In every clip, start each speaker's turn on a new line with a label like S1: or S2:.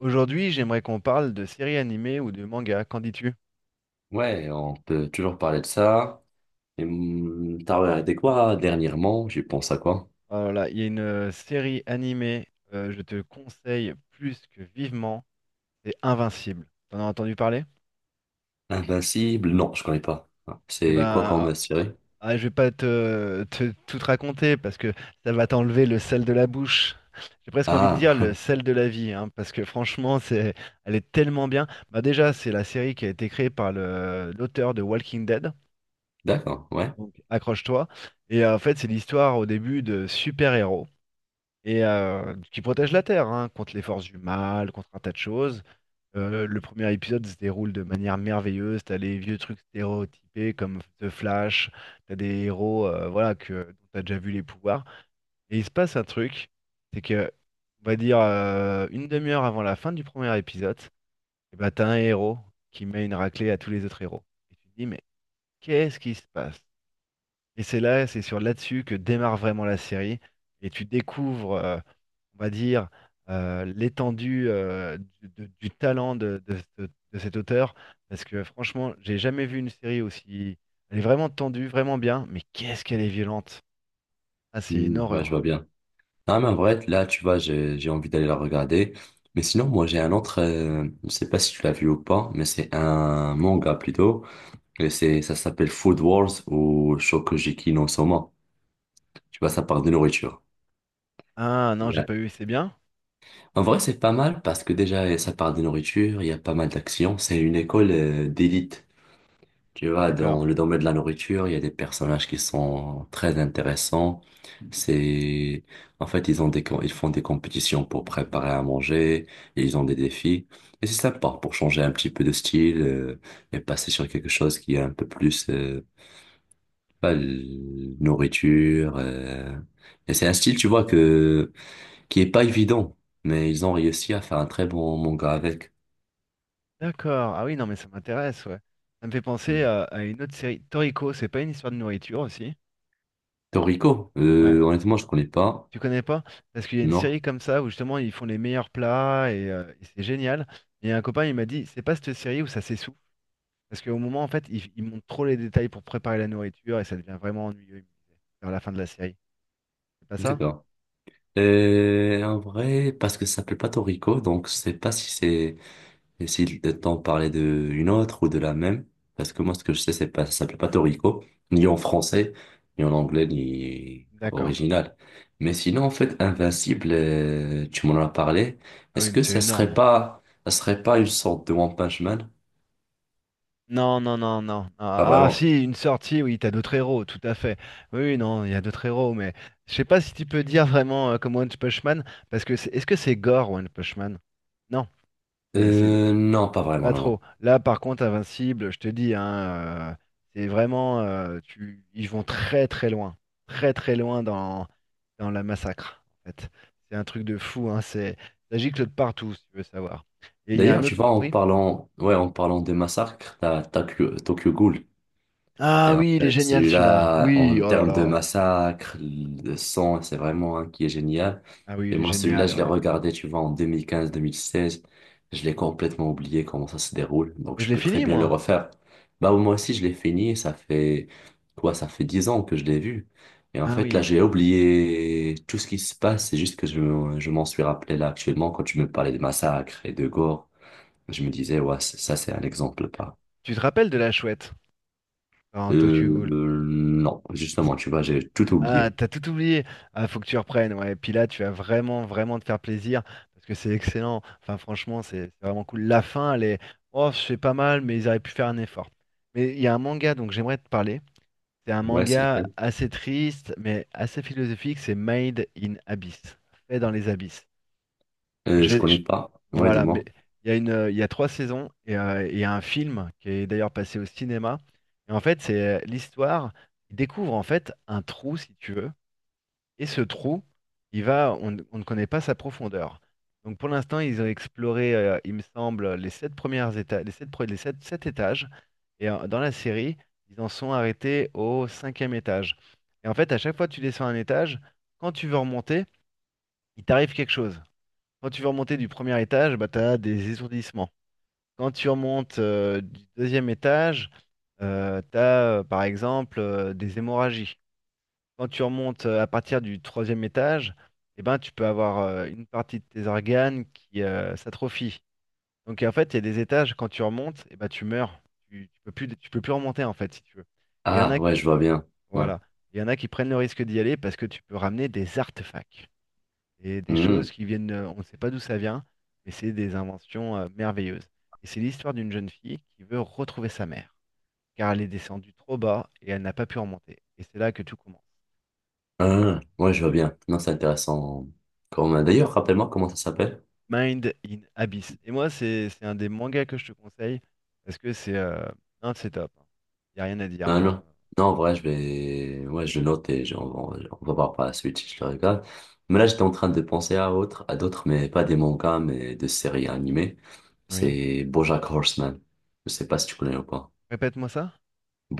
S1: Aujourd'hui, j'aimerais qu'on parle de séries animées ou de mangas. Qu'en dis-tu?
S2: Ouais, on peut toujours parler de ça. Et, t'as regardé quoi dernièrement? J'y pense à quoi?
S1: Oh là là, il y a une série animée, je te conseille plus que vivement, c'est Invincible. T'en as entendu parler?
S2: Invincible? Non, je connais pas. Ah,
S1: Eh ben,
S2: c'est quoi
S1: ah,
S2: comme
S1: ah, ah,
S2: série?
S1: ah, je vais pas tout te raconter parce que ça va t'enlever le sel de la bouche. J'ai presque envie de dire
S2: Ah,
S1: le sel de la vie, hein, parce que franchement, elle est tellement bien. Bah déjà, c'est la série qui a été créée par l'auteur de Walking Dead.
S2: d'accord, ouais.
S1: Donc accroche-toi. Et en fait, c'est l'histoire au début de super-héros. Et qui protège la Terre, hein, contre les forces du mal, contre un tas de choses. Le premier épisode se déroule de manière merveilleuse. T'as les vieux trucs stéréotypés comme The Flash, t'as des héros, voilà, dont t'as déjà vu les pouvoirs. Et il se passe un truc, c'est que, on va dire, une demi-heure avant la fin du premier épisode, et bah, t'as un héros qui met une raclée à tous les autres héros. Et tu te dis, mais qu'est-ce qui se passe? Et c'est sur là-dessus que démarre vraiment la série. Et tu découvres, on va dire, l'étendue, du talent de cet auteur. Parce que franchement, j'ai jamais vu une série aussi. Elle est vraiment tendue, vraiment bien. Mais qu'est-ce qu'elle est violente. Ah, c'est une
S2: Ouais, je
S1: horreur.
S2: vois bien. Ah, mais en vrai, là, tu vois, j'ai envie d'aller la regarder. Mais sinon, moi, j'ai un autre, je sais pas si tu l'as vu ou pas, mais c'est un manga plutôt. Et c'est, ça s'appelle Food Wars ou Shokugeki no Soma. Tu vois, ça parle de nourriture.
S1: Ah non, j'ai pas eu, c'est bien?
S2: En vrai, c'est pas mal parce que déjà, ça part de nourriture, il y a pas mal d'actions. C'est une école d'élite. Tu vois, dans
S1: D'accord.
S2: le domaine de la nourriture, il y a des personnages qui sont très intéressants. C'est, en fait, ils ont ils font des compétitions pour préparer à manger, et ils ont des défis. Et c'est sympa pour changer un petit peu de style, et passer sur quelque chose qui est un peu plus, pas nourriture. Et c'est un style, tu vois, que qui est pas évident, mais ils ont réussi à faire un très bon manga avec.
S1: D'accord. Ah oui, non, mais ça m'intéresse, ouais. Ça me fait penser
S2: Hmm.
S1: à une autre série. Toriko, c'est pas une histoire de nourriture aussi?
S2: Toriko,
S1: Ouais.
S2: honnêtement, je connais pas.
S1: Tu connais pas? Parce qu'il y a une
S2: Non,
S1: série comme ça où justement ils font les meilleurs plats et c'est génial. Et un copain il m'a dit, c'est pas cette série où ça s'essouffle. Parce qu'au moment en fait ils montrent trop les détails pour préparer la nourriture et ça devient vraiment ennuyeux, il me disait, vers la fin de la série. C'est pas ça?
S2: d'accord. Et en vrai, parce que ça s'appelle pas Toriko, donc je sais pas si c'est et si t'en parlais de une autre ou de la même, parce que moi ce que je sais c'est pas ça s'appelle pas Toriko, ni en français, ni en anglais, ni
S1: D'accord.
S2: original. Mais sinon en fait Invincible, tu m'en as parlé.
S1: Ah
S2: Est-ce
S1: oui, mais
S2: que
S1: c'est
S2: ça serait
S1: énorme.
S2: pas ça serait pas une sorte de One Punch Man?
S1: Non, non, non, non.
S2: Pas
S1: Ah, ah,
S2: vraiment.
S1: si, une sortie, oui, t'as d'autres héros, tout à fait. Oui, oui, non, il y a d'autres héros, mais je sais pas si tu peux dire vraiment, comme One Punch Man, parce que est-ce que c'est gore One Punch Man? Non. Et c'est-
S2: Non, pas vraiment,
S1: Pas
S2: non, non.
S1: trop. Là, par contre, Invincible, je te dis, hein, c'est vraiment, ils vont très très loin dans la massacre. En fait, c'est un truc de fou. Hein, ça gicle de partout, si tu veux savoir. Et il y a
S2: D'ailleurs,
S1: un
S2: tu
S1: autre,
S2: vois, en
S1: oui.
S2: parlant, ouais, en parlant des massacres, t'as Tokyo, Tokyo Ghoul.
S1: Ah
S2: Et en
S1: oui, il est
S2: fait,
S1: génial celui-là.
S2: celui-là,
S1: Oui,
S2: en
S1: oh là
S2: termes de
S1: là.
S2: massacre, de son, c'est vraiment un qui est génial.
S1: Ah oui,
S2: Et
S1: il est
S2: moi, celui-là,
S1: génial,
S2: je l'ai
S1: ouais.
S2: regardé, tu vois, en 2015-2016. Je l'ai complètement oublié comment ça se déroule. Donc,
S1: Mais je
S2: je
S1: l'ai
S2: peux très
S1: fini
S2: bien le
S1: moi.
S2: refaire. Bah, moi aussi, je l'ai fini. Et Ça fait, quoi, ça fait 10 ans que je l'ai vu. Et en
S1: Ah
S2: fait, là,
S1: oui.
S2: j'ai oublié tout ce qui se passe. C'est juste que je m'en suis rappelé là actuellement quand tu me parlais de massacre et de gore. Je me disais, ouais, ça, c'est un exemple
S1: Tu te rappelles de la chouette dans
S2: euh,
S1: Tokyo Ghoul?
S2: non, justement, tu vois, j'ai tout
S1: Ah,
S2: oublié.
S1: t'as tout oublié. Ah, faut que tu reprennes, ouais. Et puis là, tu vas vraiment, vraiment te faire plaisir parce que c'est excellent. Enfin, franchement, c'est vraiment cool. La fin, elle est, oh, c'est pas mal, mais ils auraient pu faire un effort. Mais il y a un manga, donc j'aimerais te parler. C'est un
S2: Ouais, c'est
S1: manga
S2: laquelle?
S1: assez triste, mais assez philosophique. C'est Made in Abyss, fait dans les abysses. Je
S2: Je
S1: vais,
S2: connais
S1: je-
S2: pas. Ouais,
S1: voilà. Mais
S2: dis-moi.
S1: il y a trois saisons et il y a un film qui est d'ailleurs passé au cinéma. Et en fait, c'est l'histoire. Ils découvrent en fait un trou, si tu veux. Et ce trou, il va, on ne connaît pas sa profondeur. Donc pour l'instant, ils ont exploré, il me semble, sept étages. Et dans la série, ils en sont arrêtés au cinquième étage. Et en fait, à chaque fois que tu descends un étage, quand tu veux remonter, il t'arrive quelque chose. Quand tu veux remonter du premier étage, bah, tu as des étourdissements. Quand tu remontes, du deuxième étage, tu as, par exemple, des hémorragies. Quand tu remontes, à partir du troisième étage, eh ben, tu peux avoir, une partie de tes organes qui, s'atrophie. Donc en fait, il y a des étages, quand tu remontes, eh ben, tu meurs. Tu peux plus remonter en fait, si tu veux. Il y en
S2: Ah,
S1: a, qui-
S2: ouais, je vois bien. Ouais.
S1: voilà. Il y en a qui prennent le risque d'y aller parce que tu peux ramener des artefacts. Et des
S2: Mmh.
S1: choses qui viennent, on ne sait pas d'où ça vient, mais c'est des inventions, merveilleuses. Et c'est l'histoire d'une jeune fille qui veut retrouver sa mère, car elle est descendue trop bas et elle n'a pas pu remonter. Et c'est là que tout commence.
S2: Ah, ouais, je vois bien. Non, c'est intéressant. D'ailleurs, rappelle-moi comment ça s'appelle.
S1: Mind in Abyss. Et moi, c'est un des mangas que je te conseille parce que c'est non, c'est top. Il y a rien à dire.
S2: Non,
S1: Hein.
S2: non. Non, en vrai, je vais... Ouais, je note et on va voir par la suite si je le regarde. Mais là, j'étais en train de penser à autre, à d'autres, mais pas des mangas, mais de séries animées.
S1: Oui.
S2: C'est BoJack Horseman. Je sais pas si tu connais ou pas.
S1: Répète-moi ça.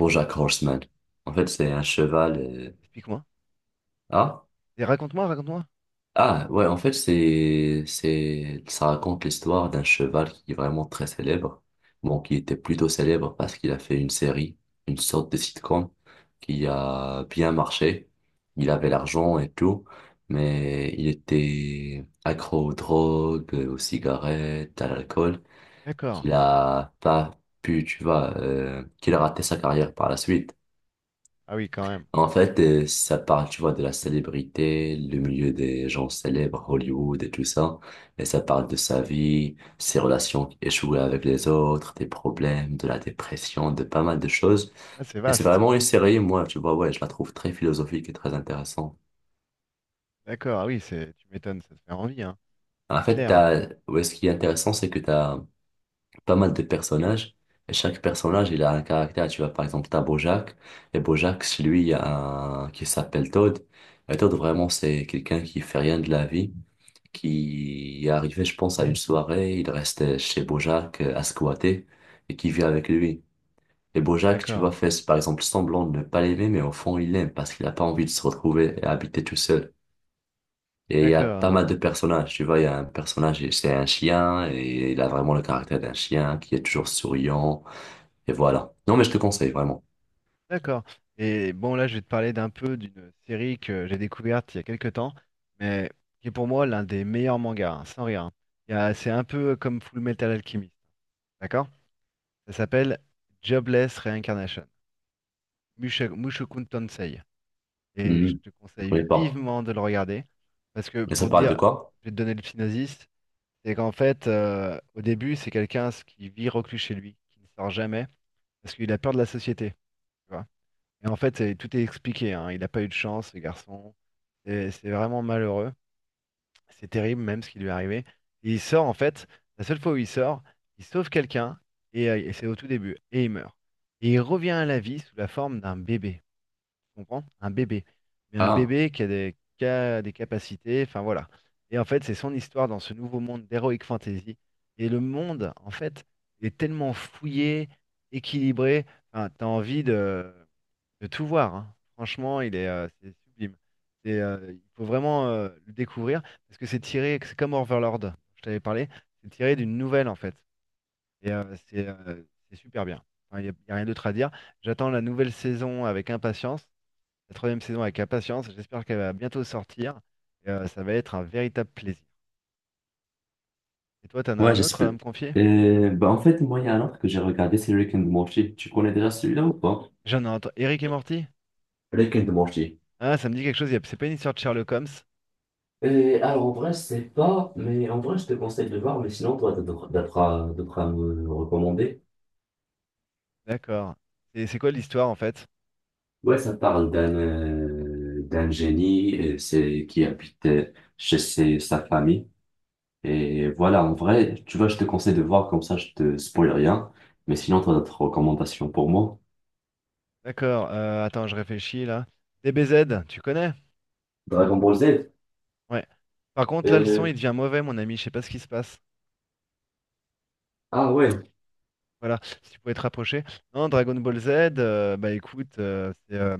S1: Oh,
S2: Horseman. En fait, c'est un cheval.
S1: explique-moi.
S2: Ah,
S1: Et raconte-moi, raconte-moi.
S2: ah, ouais, en fait, ça raconte l'histoire d'un cheval qui est vraiment très célèbre. Bon, qui était plutôt célèbre parce qu'il a fait une série, une sorte de sitcom qui a bien marché. Il avait l'argent et tout, mais il était accro aux drogues, aux cigarettes, à l'alcool,
S1: D'accord.
S2: qu'il a pas pu, tu vois, qu'il a raté sa carrière par la suite.
S1: Ah oui, quand même.
S2: En fait, ça parle, tu vois, de la célébrité, le milieu des gens célèbres, Hollywood et tout ça. Et ça parle de sa vie, ses relations échouées avec les autres, des problèmes, de la dépression, de pas mal de choses.
S1: Ah, c'est
S2: Et c'est
S1: vaste.
S2: vraiment une série, moi, tu vois, ouais, je la trouve très philosophique et très intéressante.
S1: D'accord. Ah oui, c'est tu m'étonnes, ça te fait envie, hein.
S2: En
S1: C'est
S2: fait,
S1: clair.
S2: t'as, ouais, ce qui est intéressant, c'est que t'as pas mal de personnages. Et chaque personnage, il a un caractère. Tu vois, par exemple, t'as Bojack. Et Bojack, chez lui, il y a un qui s'appelle Todd. Et Todd, vraiment, c'est quelqu'un qui fait rien de la vie. Qui est arrivé, je pense, à une soirée. Il restait chez Bojack à squatter et qui vit avec lui. Et Bojack, tu
S1: D'accord.
S2: vois, fait par exemple semblant de ne pas l'aimer, mais au fond, il l'aime parce qu'il n'a pas envie de se retrouver et habiter tout seul. Et il y a pas
S1: D'accord.
S2: mal de personnages, tu vois, il y a un personnage, et c'est un chien, et il a vraiment le caractère d'un chien qui est toujours souriant, et voilà. Non, mais je te conseille, vraiment.
S1: D'accord. Et bon, là, je vais te parler d'un peu d'une série que j'ai découverte il y a quelques temps, mais qui est pour moi l'un des meilleurs mangas, hein, sans rien. C'est un peu comme Full Metal Alchemist. D'accord? Ça s'appelle Jobless Reincarnation, Mushoku Tensei. Et je
S2: Mhm.
S1: te
S2: Je
S1: conseille
S2: connais pas.
S1: vivement de le regarder. Parce que
S2: Mais ça
S1: pour te
S2: parle de
S1: dire,
S2: quoi?
S1: je vais te donner le synopsis, c'est qu'en fait, au début, c'est quelqu'un qui vit reclus chez lui, qui ne sort jamais, parce qu'il a peur de la société. Tu vois. Et en fait, tout est expliqué, hein. Il n'a pas eu de chance, ce garçon. Et c'est vraiment malheureux. C'est terrible même ce qui lui est arrivé. Et il sort en fait, la seule fois où il sort, il sauve quelqu'un, et c'est au tout début, et il meurt. Et il revient à la vie sous la forme d'un bébé. Tu comprends? Un bébé. Mais un
S2: Ah.
S1: bébé qui a des capacités, enfin voilà. Et en fait, c'est son histoire dans ce nouveau monde d'heroic fantasy. Et le monde, en fait, il est tellement fouillé, équilibré, enfin, t'as envie de tout voir, hein. Franchement, c'est sublime. Il faut vraiment, le découvrir parce que c'est comme Overlord, je t'avais parlé, c'est tiré d'une nouvelle en fait. Et euh, c'est euh, c'est super bien. Enfin, il y a rien d'autre à dire. J'attends la nouvelle saison avec impatience, la troisième saison avec impatience. J'espère qu'elle va bientôt sortir. Et ça va être un véritable plaisir. Et toi, t'en as
S2: Ouais,
S1: un autre
S2: j'espère.
S1: à me confier?
S2: Bah, en fait, moi, il y a un autre que j'ai regardé, c'est Rick and Morty. Tu connais déjà celui-là ou pas?
S1: J'en ai entendu. Eric et Morty?
S2: Rick and Morty.
S1: Ah, ça me dit quelque chose. C'est pas une histoire de Sherlock Holmes?
S2: Alors, en vrai, je sais pas, mais en vrai, je te conseille de le voir, mais sinon, toi, tu devras me le recommander.
S1: D'accord. Et c'est quoi l'histoire en fait?
S2: Ouais, ça parle d'un d'un génie qui habite chez sa famille. Et voilà, en vrai, tu vois, je te conseille de voir, comme ça, je te spoil rien. Mais sinon, toi, d'autres recommandations pour moi?
S1: D'accord, attends, je réfléchis là. DBZ, tu connais?
S2: Dragon Ball Z.
S1: Ouais. Par contre, là, le son,
S2: Euh,
S1: il devient mauvais, mon ami. Je sais pas ce qui se passe.
S2: ah ouais,
S1: Voilà, si tu pouvais te rapprocher. Non, Dragon Ball Z, bah écoute, euh, c'est euh,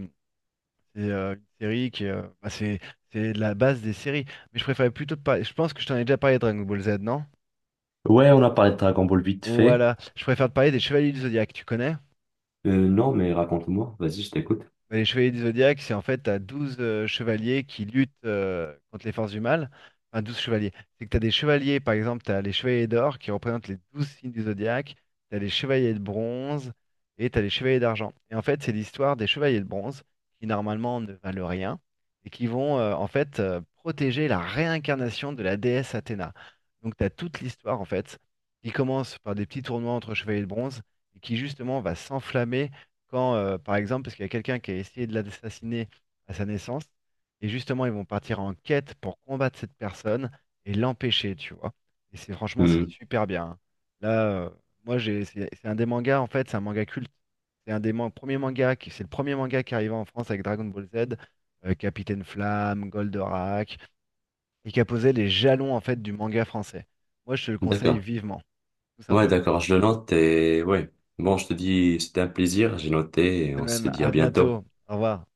S1: c'est, euh, une série qui bah, c'est de la base des séries. Mais je préférais plutôt te parler. Je pense que je t'en ai déjà parlé de Dragon Ball Z, non?
S2: Ouais, on a parlé de Dragon Ball vite fait.
S1: Voilà, je préfère te parler des Chevaliers du Zodiaque, tu connais?
S2: Non, mais raconte-moi. Vas-y, je t'écoute.
S1: Bah, les chevaliers du zodiaque, c'est en fait, t'as 12 chevaliers qui luttent, contre les forces du mal. Enfin, 12 chevaliers. C'est que t'as des chevaliers, par exemple, t'as les chevaliers d'or qui représentent les 12 signes du zodiaque, t'as les chevaliers de bronze et t'as les chevaliers d'argent. Et en fait, c'est l'histoire des chevaliers de bronze qui, normalement, ne valent rien et qui vont, en fait, protéger la réincarnation de la déesse Athéna. Donc, t'as toute l'histoire, en fait, qui commence par des petits tournois entre chevaliers de bronze et qui, justement, va s'enflammer quand, par exemple, parce qu'il y a quelqu'un qui a essayé de l'assassiner à sa naissance, et justement, ils vont partir en quête pour combattre cette personne et l'empêcher, tu vois. Et c'est franchement, c'est
S2: Hmm,
S1: super bien. Hein. Là, euh, moi, c'est un des mangas, en fait, c'est un manga culte. C'est un des premiers mangas c'est le premier manga qui arrivait en France avec Dragon Ball Z, Capitaine Flamme, Goldorak, et qui a posé les jalons, en fait, du manga français. Moi, je te le conseille
S2: d'accord.
S1: vivement, tout
S2: Ouais,
S1: simplement.
S2: d'accord, je le note et ouais. Bon, je te dis, c'était un plaisir, j'ai noté et
S1: De
S2: on se
S1: même,
S2: dit à
S1: à
S2: bientôt.
S1: bientôt. Au revoir.